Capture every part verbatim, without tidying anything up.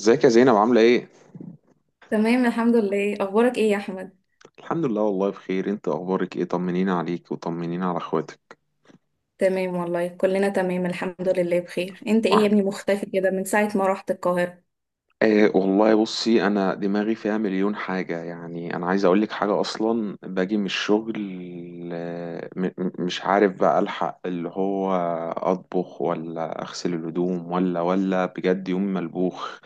ازيك يا زينب؟ عاملة ايه؟ تمام، الحمد لله. اخبارك ايه يا احمد؟ الحمد لله، والله بخير. انت اخبارك ايه؟ طمنينا عليك وطمنينا على اخواتك. تمام والله، كلنا تمام الحمد لله بخير. انت ايه يا ابني مختفي كده من ساعة ما رحت القاهرة؟ آه والله بصي، انا دماغي فيها مليون حاجة. يعني انا عايز اقولك حاجة، اصلا باجي من الشغل. آه، م- م- مش عارف بقى، الحق اللي هو اطبخ ولا اغسل الهدوم ولا ولا بجد، يوم ملبوخ.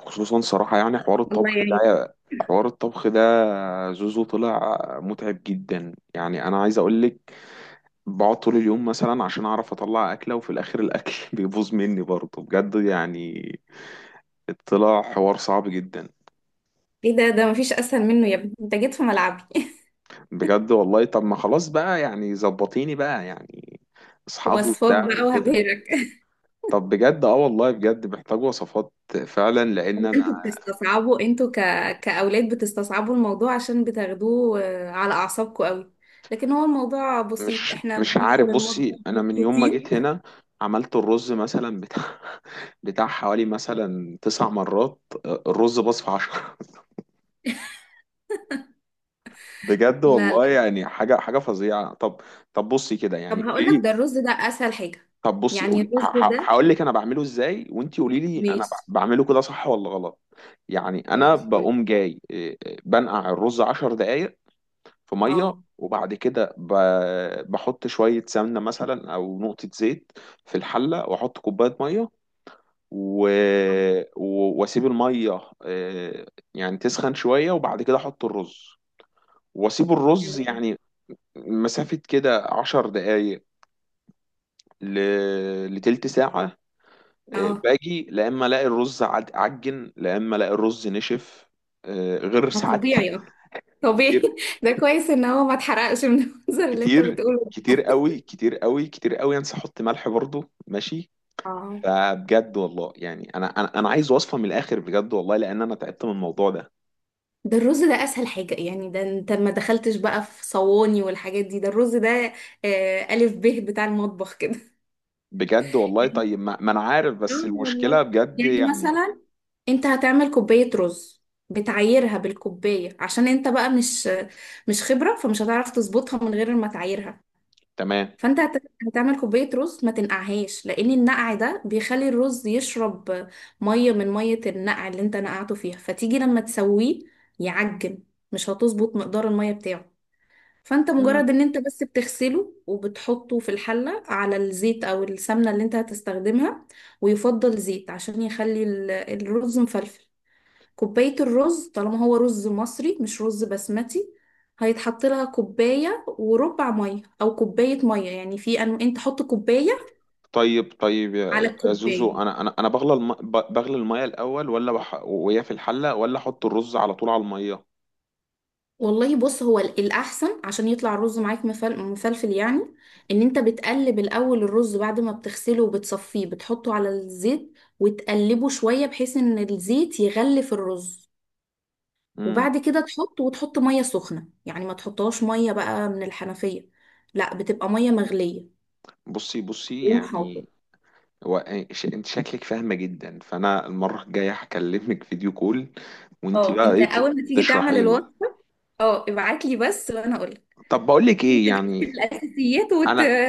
خصوصا صراحة يعني حوار الله الطبخ يعينك. ده حوار الطبخ ده زوزو طلع متعب جدا. يعني انا عايز اقولك، بقعد طول اليوم مثلا عشان اعرف اطلع اكله، وفي الاخر الاكل بيبوظ مني برضه، بجد يعني طلع حوار صعب جدا. ايه ده، ده مفيش اسهل منه يا ابني، انت جيت في ملعبي. بجد والله. طب ما خلاص بقى، يعني زبطيني بقى يعني، اصحابه وصفات وبتاع بقى وكده. وهبهرك. طب بجد اه والله بجد محتاج وصفات، فعلا لان انا انتوا بتستصعبوا، انتوا ك... كأولاد بتستصعبوا الموضوع عشان بتاخدوه آه، على اعصابكم قوي. لكن هو الموضوع بسيط، مش احنا مش بندخل عارف. المطبخ بصي، انا من يوم ما مبسوطين. جيت هنا عملت الرز مثلا بتاع بتاع حوالي مثلا تسع مرات. آه، الرز باظ في عشرة، بجد لا، والله. لا. يعني حاجه حاجه فظيعه. طب طب بصي كده، طب يعني قولي هقول لك، ده لي. الرز ده اسهل حاجة. طب بصي يعني قولي، الرز ده. هقول لك انا بعمله ازاي، وانتي قولي لي انا ماشي. ب- بعمله كده صح ولا غلط. يعني انا ماشي، قولي. بقوم جاي، إيه، إيه، بنقع الرز 10 دقائق في ميه. اه. وبعد كده ب- بحط شويه سمنه مثلا او نقطه زيت في الحله، واحط كوبايه ميه و... و- واسيب الميه إيه، يعني تسخن شويه. وبعد كده احط الرز واسيب الرز يعني مسافة كده عشر دقايق ل... لتلت ساعة. آه، اه. باجي لا إما ألاقي الرز عج- عجن، لا إما ألاقي الرز نشف. آه، غير ده ساعات طبيعي، اه. طبيعي. كتير ده كويس ان هو ما اتحرقش من المنظر اللي انت كتير. بتقوله. كتير قوي، كتير قوي، كتير قوي أنسى أحط ملح برضه. ماشي، اه. فبجد والله يعني أنا أنا أنا عايز وصفة من الآخر، بجد والله، لأن أنا تعبت من الموضوع ده. ده الرز ده اسهل حاجة يعني، ده انت ما دخلتش بقى في صواني والحاجات دي، ده الرز ده آه الف ب بتاع المطبخ كده. بجد والله. طيب ما, ما أنا عارف، اه، بس المشكلة والله. بجد يعني يعني. مثلا، انت هتعمل كوباية رز، بتعايرها بالكوباية عشان انت بقى مش مش خبرة، فمش هتعرف تظبطها من غير ما تعايرها. تمام. فانت هت- هتعمل كوبايه رز، ما تنقعهاش، لان النقع ده بيخلي الرز يشرب ميه من ميه النقع اللي انت نقعته فيها، فتيجي لما تسويه يعجن، مش هتظبط مقدار الميه بتاعه. فانت مم. مجرد ان انت بس بتغسله وبتحطه في الحله على الزيت او السمنه اللي انت هتستخدمها، ويفضل زيت عشان يخلي ال- الرز مفلفل. كوباية الرز، طالما هو رز مصري مش رز بسمتي، هيتحط لها كوباية وربع مية أو كوباية مية، يعني في أن أنت حط كوباية طيب طيب على يا يا زوزو، الكوباية. انا انا انا بغلى الم... ب- بغلي الميه الاول، ولا بح... وهي في الحله، ولا احط الرز على طول على الميه؟ والله، بص، هو ال- الأحسن عشان يطلع الرز معاك مفل- مفلفل يعني، إن أنت بتقلب الأول الرز بعد ما بتغسله وبتصفيه، بتحطه على الزيت وتقلبه شوية بحيث إن الزيت يغلف الرز. امم. وبعد كده تحط وتحط مية سخنة، يعني ما تحطهاش مية بقى من الحنفية، لا بتبقى مية مغلية. بصي بصي يوم حافظ. يعني هو إيه، ش... انت شكلك فاهمه جدا، فانا المره الجايه هكلمك فيديو كول وانت اه، بقى انت ايه ت- اول ما تيجي تعمل تشرحي لي. الوصفه، اه ابعت لي بس وانا اقول لك. طب بقول لك انت ايه جبت يعني؟ الاساسيات وت... انا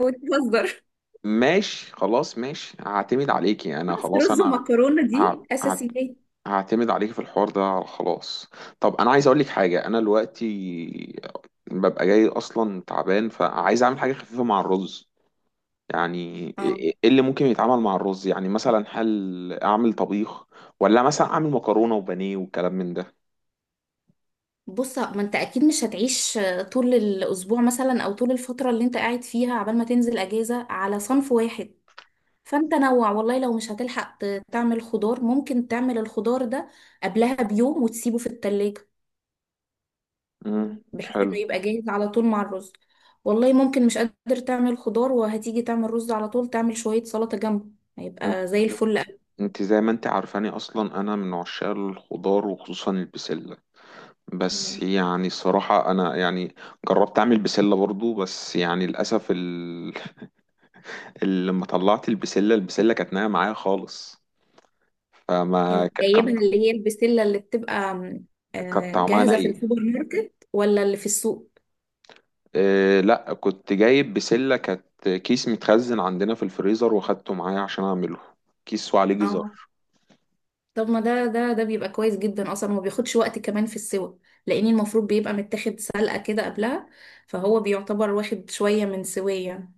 وتهزر. ماشي خلاص، ماشي هعتمد عليكي. انا بس خلاص، رز انا ومكرونه دي ه... هعت- اساسيات. هعتمد عليك في الحوار ده، خلاص. طب انا عايز اقول لك حاجه، انا دلوقتي ببقى جاي اصلا تعبان، فعايز اعمل حاجه خفيفه مع الرز يعني. ايه اه، إيه إيه اللي ممكن يتعمل مع الرز؟ يعني مثلا هل اعمل طبيخ، ولا مثلا اعمل مكرونه وبانيه والكلام من ده؟ بص، ما انت اكيد مش هتعيش طول الاسبوع مثلا او طول الفتره اللي انت قاعد فيها عبال ما تنزل اجازه على صنف واحد. فانت نوع والله، لو مش هتلحق ت- تعمل خضار ممكن تعمل الخضار ده قبلها بيوم وتسيبه في التلاجة، امم، بحيث انه حلو. يبقى جاهز على طول مع الرز. والله ممكن مش قادر تعمل خضار، وهتيجي تعمل رز على طول، تعمل شوية سلطة جنبه، انت هيبقى زي الفل. انت زي ما انت عارفاني اصلا، انا من عشاق الخضار، وخصوصا البسله. بس أوي. يعني الصراحه انا يعني جربت اعمل بسله برضو، بس يعني للاسف ال... لما طلعت البسلة البسلة كانت نايمة معايا خالص. فما انت ك- جايبها كان اللي هي البسلة اللي بتبقى م، كان آه، طعمها جاهزة في نايم. السوبر ماركت ولا اللي في السوق؟ إيه، لا كنت جايب بسلة، كانت كيس متخزن عندنا في الفريزر، واخدته معايا عشان اعمله. كيس وعليه جزر. اه، طب ما ده ده ده بيبقى كويس جدا اصلا وما بياخدش وقت كمان في السوى، لان المفروض بيبقى متاخد سلقة كده قبلها، فهو بيعتبر واخد شوية من سوية.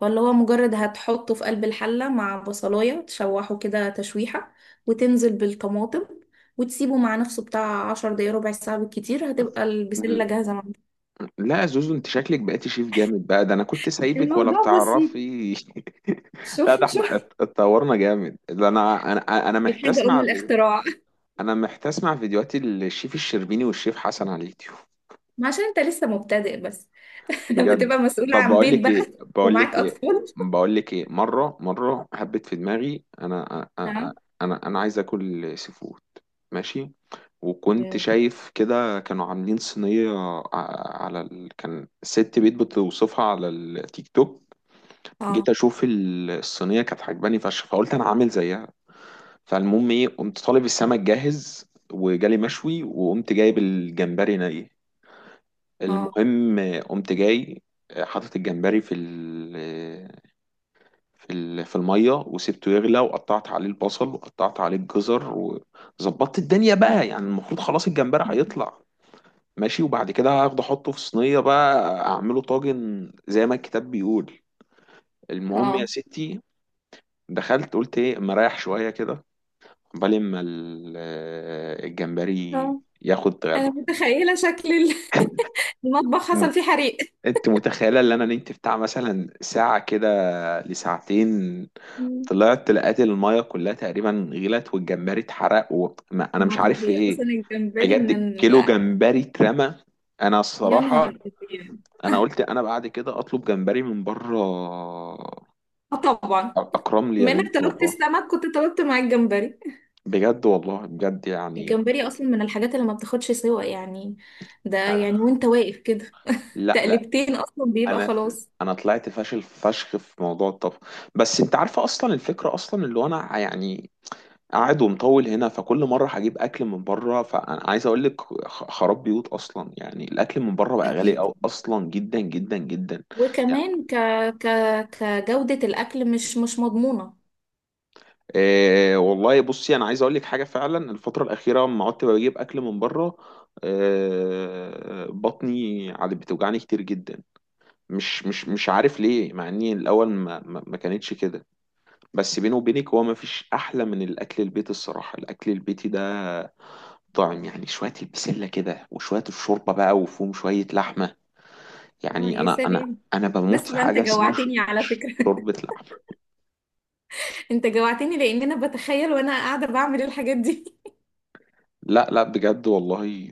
فاللي هو مجرد هتحطه في قلب الحلة مع بصلاية، تشوحه كده تشويحة وتنزل بالطماطم، وتسيبه مع نفسه بتاع عشر دقايق ربع ساعة بالكتير، هتبقى البسلة ل- جاهزة معاك. لا يا زوزو، انت شكلك بقيتي شيف جامد بقى. ده انا كنت سايبك ولا الموضوع بسيط. بتعرفي؟ لا، شوف، ده احنا شوف. ات- اتطورنا جامد. ده انا انا انا محتاج الحاجة أم اسمع في- الاختراع. انا محتاج اسمع فيديوهات الشيف الشربيني والشيف حسن على اليوتيوب. ما عشان انت لسه مبتدئ بس. لما بجد، تبقى مسؤول طب عن بقول بيت لك بقى ايه بقول ومعاك لك ايه أطفال. بقول لك ايه، مره مره حبيت في دماغي، انا ها. انا انا, أنا عايز اكل سي فود. ماشي. وكنت شايف كده كانوا عاملين صينيه ع- على ال... كان ست بيت بتوصفها على التيك توك. جيت اه. اشوف ال- الصينيه، كانت عجباني فشخ، فقلت انا عامل زيها. فالمهم ايه، قمت طالب السمك جاهز، وجالي مشوي، وقمت جايب الجمبري ني. اه. المهم قمت جاي حاطط الجمبري في ال في ال في الميه، وسبته يغلى، وقطعت عليه البصل، وقطعت عليه الجزر، وظبطت الدنيا بقى. يعني المفروض خلاص الجمبري هيطلع، ماشي، وبعد كده هاخده احطه في صينيه بقى، اعمله طاجن زي ما الكتاب بيقول. المهم يا اه. ستي، دخلت قلت ايه اما اريح شويه كده، عقبال ما ال- الجمبري اه. ياخد أنا غلوه. متخيلة شكل ال- المطبخ، مم. حصل فيه حريق. انت متخيله ان انا نمت بتاع مثلا ساعه كده، لساعتين؟ طلعت لقيت المايه كلها تقريبا غلت، والجمبري اتحرق، و... ما انا ما مش عارف في طبيعي اصلا، ايه. الجمبري من بجد، ال... كيلو جمبري اترمى. انا يا الصراحه نهار أبيض. انا قلت انا بعد كده اطلب جمبري من بره، اه، طبعا. اكرم لي يا بما انك بنت طلبت والله. السمك كنت طلبت مع الجمبري. بجد والله، بجد يعني الجمبري اصلا من الحاجات اللي ما بتاخدش سوا يعني، ده انا. يعني وانت واقف كده لا لا، تقلبتين اصلا بيبقى انا ف- خلاص. انا طلعت فاشل فشخ في موضوع الطبخ. بس انت عارفه اصلا الفكره، اصلا اللي هو انا يعني قاعد ومطول هنا، فكل مرة هجيب أكل من بره، فأنا عايز أقول لك خ- خراب بيوت أصلا. يعني الأكل من بره بقى غالي اكيد. أوي أصلا، جدا جدا جدا، يعني. وكمان ك... ك... كجودة الاكل مش مش مضمونة. إيه والله، بصي أنا عايز أقول لك حاجة، فعلا الفترة الأخيرة لما قعدت بجيب أكل من بره، إيه بطني عاد بتوجعني كتير جدا. مش مش مش عارف ليه، مع إني الأول ما ما ما كانتش كده. بس بيني وبينك، هو ما فيش أحلى من الأكل البيت. الصراحة الأكل البيتي ده طعم. يعني شوية البسلة كده، وشوية الشوربة بقى، وفيهم شوية لحمة. اه، يعني يا أنا أنا سلام. أنا بموت بس في ده انت حاجة اسمها ش- جوعتني على ش- فكرة. شوربة لحمة. انت جوعتني لان انا بتخيل وانا قاعدة بعمل الحاجات دي. لا لا، بجد والله.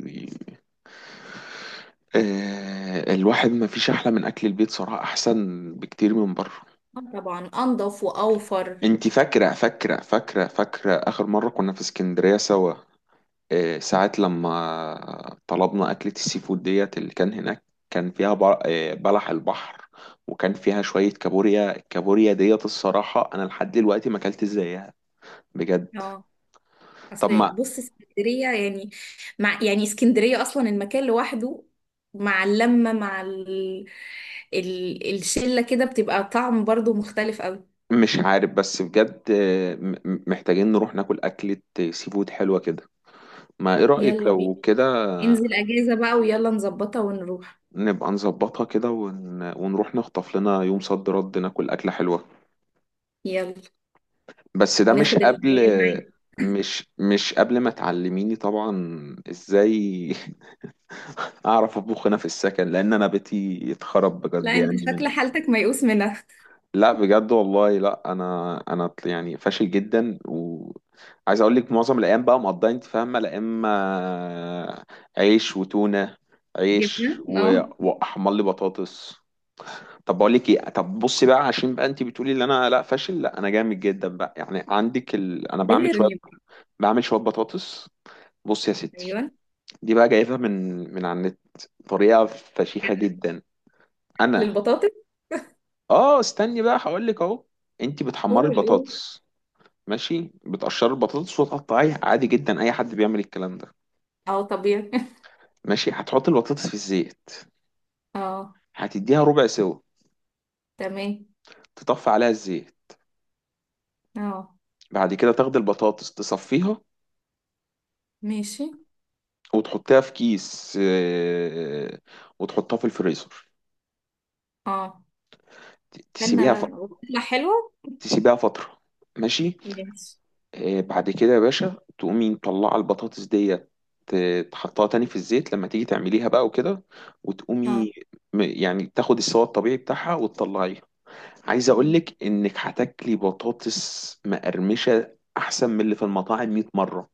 آه، الواحد ما فيش أحلى من أكل البيت صراحة، أحسن بكتير من بره. آه، طبعا، انضف واوفر. أنت فاكرة فاكرة فاكرة فاكرة آخر مرة كنا في اسكندرية سوا؟ آه، ساعات لما طلبنا أكلة السي فود ديت اللي كان هناك، كان فيها بر- آه، بلح البحر، وكان فيها شوية كابوريا. الكابوريا ديت الصراحة أنا لحد دلوقتي ما أكلت زيها، بجد. اه، طب اصل، ما بص، اسكندريه يعني، مع يعني اسكندريه اصلا المكان لوحده، مع اللمه مع ال... ال... الشله كده بتبقى طعم برضو مختلف قوي. مش عارف، بس بجد آه، م- م- محتاجين نروح ناكل أكلة آه، سي فود حلوة كده. ما إيه رأيك يلا بينا. لو كده؟ انزل اجازه بقى ويلا نظبطها ونروح. نبقى نظبطها كده، ون... ونروح نخطف لنا يوم صد رد ناكل أكلة حلوة. يلا. بس ده مش وناخد قبل العيال معانا. مش مش قبل ما تعلميني طبعا ازاي اعرف اطبخ هنا في السكن، لان انا بيتي اتخرب بجد لا، انت يعني شكل من. حالتك ميؤوس منها. لا بجد والله، لا انا انا طل- يعني فاشل جدا. وعايز اقول لك، معظم الايام بقى مقضيه انت فاهمه، لا اما عيش وتونه، عيش جبنه، و... اه. واحمر لي بطاطس. طب بقول لك ايه، طب بصي بقى، عشان بقى انت بتقولي ان انا لا فاشل، لا انا جامد جدا بقى. يعني عندك ال... انا بعمل شويه بيرني بقى. بعمل شويه بطاطس. بصي يا ستي، ايوه. دي بقى جايبها من من على النت. طريقه فشيخه جدا. انا للبطاطس؟ اه استني بقى هقول لك اهو. انت بتحمري قول، قول. البطاطس، ماشي. بتقشري البطاطس وتقطعيها عادي جدا، اي حد بيعمل الكلام ده. اه، طبيعي. ماشي. هتحطي البطاطس في الزيت، اه. هتديها ربع سوا، تمام. تطفي عليها الزيت، اه. بعد كده تاخدي البطاطس تصفيها، ماشي. وتحطها في كيس، آه، وتحطها في الفريزر. اه، ت- استنى تسيبيها ف... بقى، تطلع حلوه؟ تسيبيها فترة، ماشي. ماشي. آه، بعد كده يا باشا تقومي مطلعة البطاطس ديت، ت- تحطها تاني في الزيت لما تيجي تعمليها بقى وكده، اه. وتقومي م- يعني تاخد السوا الطبيعي بتاعها وتطلعيها. عايز مم. اقولك انك هتاكلي بطاطس مقرمشة احسن من اللي في المطاعم 100 مرة.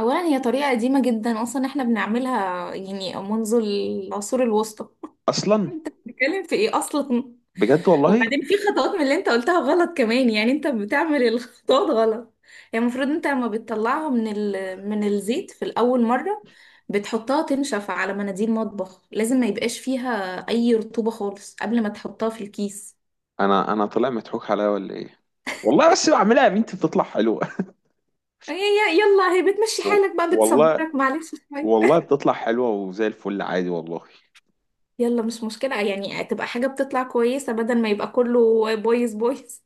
اولا، هي طريقه قديمه جدا اصلا، احنا بنعملها يعني منذ العصور الوسطى. اصلا انت بتتكلم في ايه اصلا؟ بجد والله، وبعدين في خطوات من اللي انت قلتها غلط كمان، يعني انت بتعمل الخطوات غلط. يعني المفروض انت لما بتطلعها من ال... من الزيت في الاول مره، بتحطها تنشف على مناديل مطبخ، لازم ما يبقاش فيها اي رطوبه خالص قبل ما تحطها في الكيس. انا انا طلع مضحوك عليا ولا ايه؟ والله بس بعملها يا بنتي بتطلع حلوة، يا- يا- يلا هي بتمشي و- حالك بقى، والله. بتصبرك معلش شوية. والله بتطلع حلوة وزي الفل عادي، والله. يلا، مش مشكلة يعني، تبقى حاجة بتطلع كويسة بدل ما يبقى كله بايظ بايظ.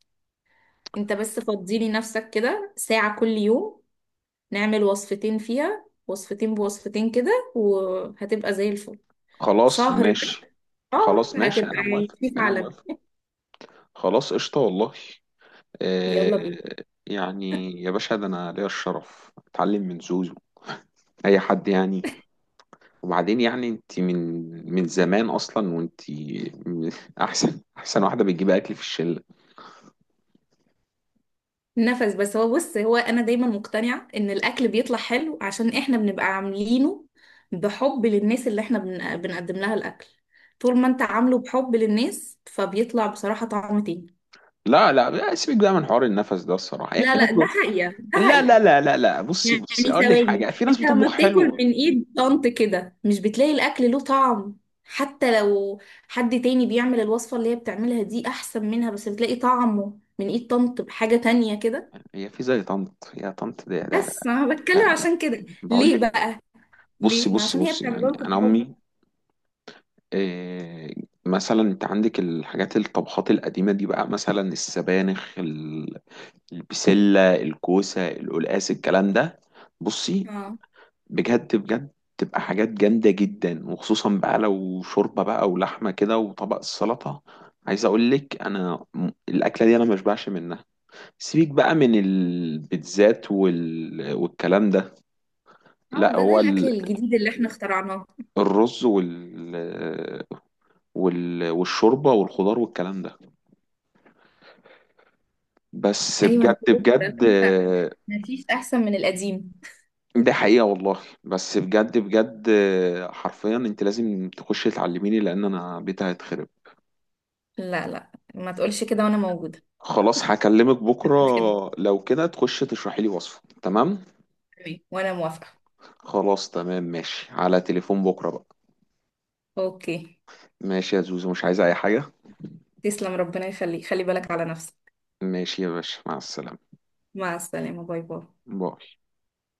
انت بس فضيلي نفسك كده ساعة كل يوم، نعمل وصفتين فيها وصفتين بوصفتين كده وهتبقى زي الفل. خلاص شهر بس. ماشي، شهر خلاص ماشي. هتبقى أنا موافق، في أنا عالمي. موافق. خلاص قشطة والله. آه. يلا بينا. يعني يا باشا، ده أنا ليا الشرف أتعلم من زوزو، أي حد يعني. وبعدين يعني أنت من من زمان أصلا، وأنت من- أحسن أحسن واحدة بتجيب أكل في الشلة. نفس. بس هو، بص، هو انا دايما مقتنعة ان الاكل بيطلع حلو عشان احنا بنبقى عاملينه بحب للناس اللي احنا بن- بنقدم لها الاكل. طول ما انت عامله بحب للناس، فبيطلع بصراحة طعم تاني. لا لا، سيبك بقى من حوار النفس ده. الصراحة هي لا، في ناس لا، ب... ده حقيقة، ده لا لا حقيقة. لا لا لا، بصي بصي، يعني أقول لك ثواني، حاجة. في ناس انت لما بتطبخ بتاكل حلو. من ايد طنط كده مش بتلاقي الاكل له طعم، حتى لو حد تاني بيعمل الوصفة اللي هي بتعملها دي احسن منها، بس بتلاقي طعمه من ايد طنط بحاجة تانية كده؟ هي في زي طنط؟ يا طنط ده لا لا، بس انا بتكلم لا لا. عشان كده، بقول ليه لك، بقى؟ بصي ليه؟ ما بصي عشان هي بصي، بتعمله يعني لكم انا بحب. امي. إيه، مثلا انت عندك الحاجات، الطبخات القديمه دي بقى، مثلا السبانخ ال- البسله، الكوسه، القلقاس، الكلام ده. بصي، اه. بجد بجد، تبقى حاجات جامده جدا، وخصوصا بقى لو شوربه بقى ولحمه كده وطبق السلطه. عايز اقول لك، انا م- الاكله دي انا مشبعش منها. سيبك بقى من البيتزات وال... والكلام ده. اه. لا ده ده هو الاكل ال- الجديد اللي احنا اخترعناه. الرز وال... وال... والشوربة والخضار والكلام ده. بس ايوه، انا بجد فوجئت. بجد، آه، مفيش احسن من القديم. ده حقيقة والله. بس بجد بجد، آه، حرفيا انت لازم تخشي تعلميني، لان انا بيتي هيتخرب. لا، لا، ما تقولش كده وانا موجودة. خلاص هكلمك ما بكرة، تقولش كده. لو كده تخشي تشرحي لي وصفة، تمام. تمام. وانا موافقة. خلاص تمام، ماشي، على تليفون بكرة بقى. اوكي. ماشي يا زوزو، مش عايزة اي حاجة؟ تسلم، ربنا يخليك، خلي بالك على نفسك. ماشي يا باشا، مع السلامة. مع السلامة. باي، باي. باي.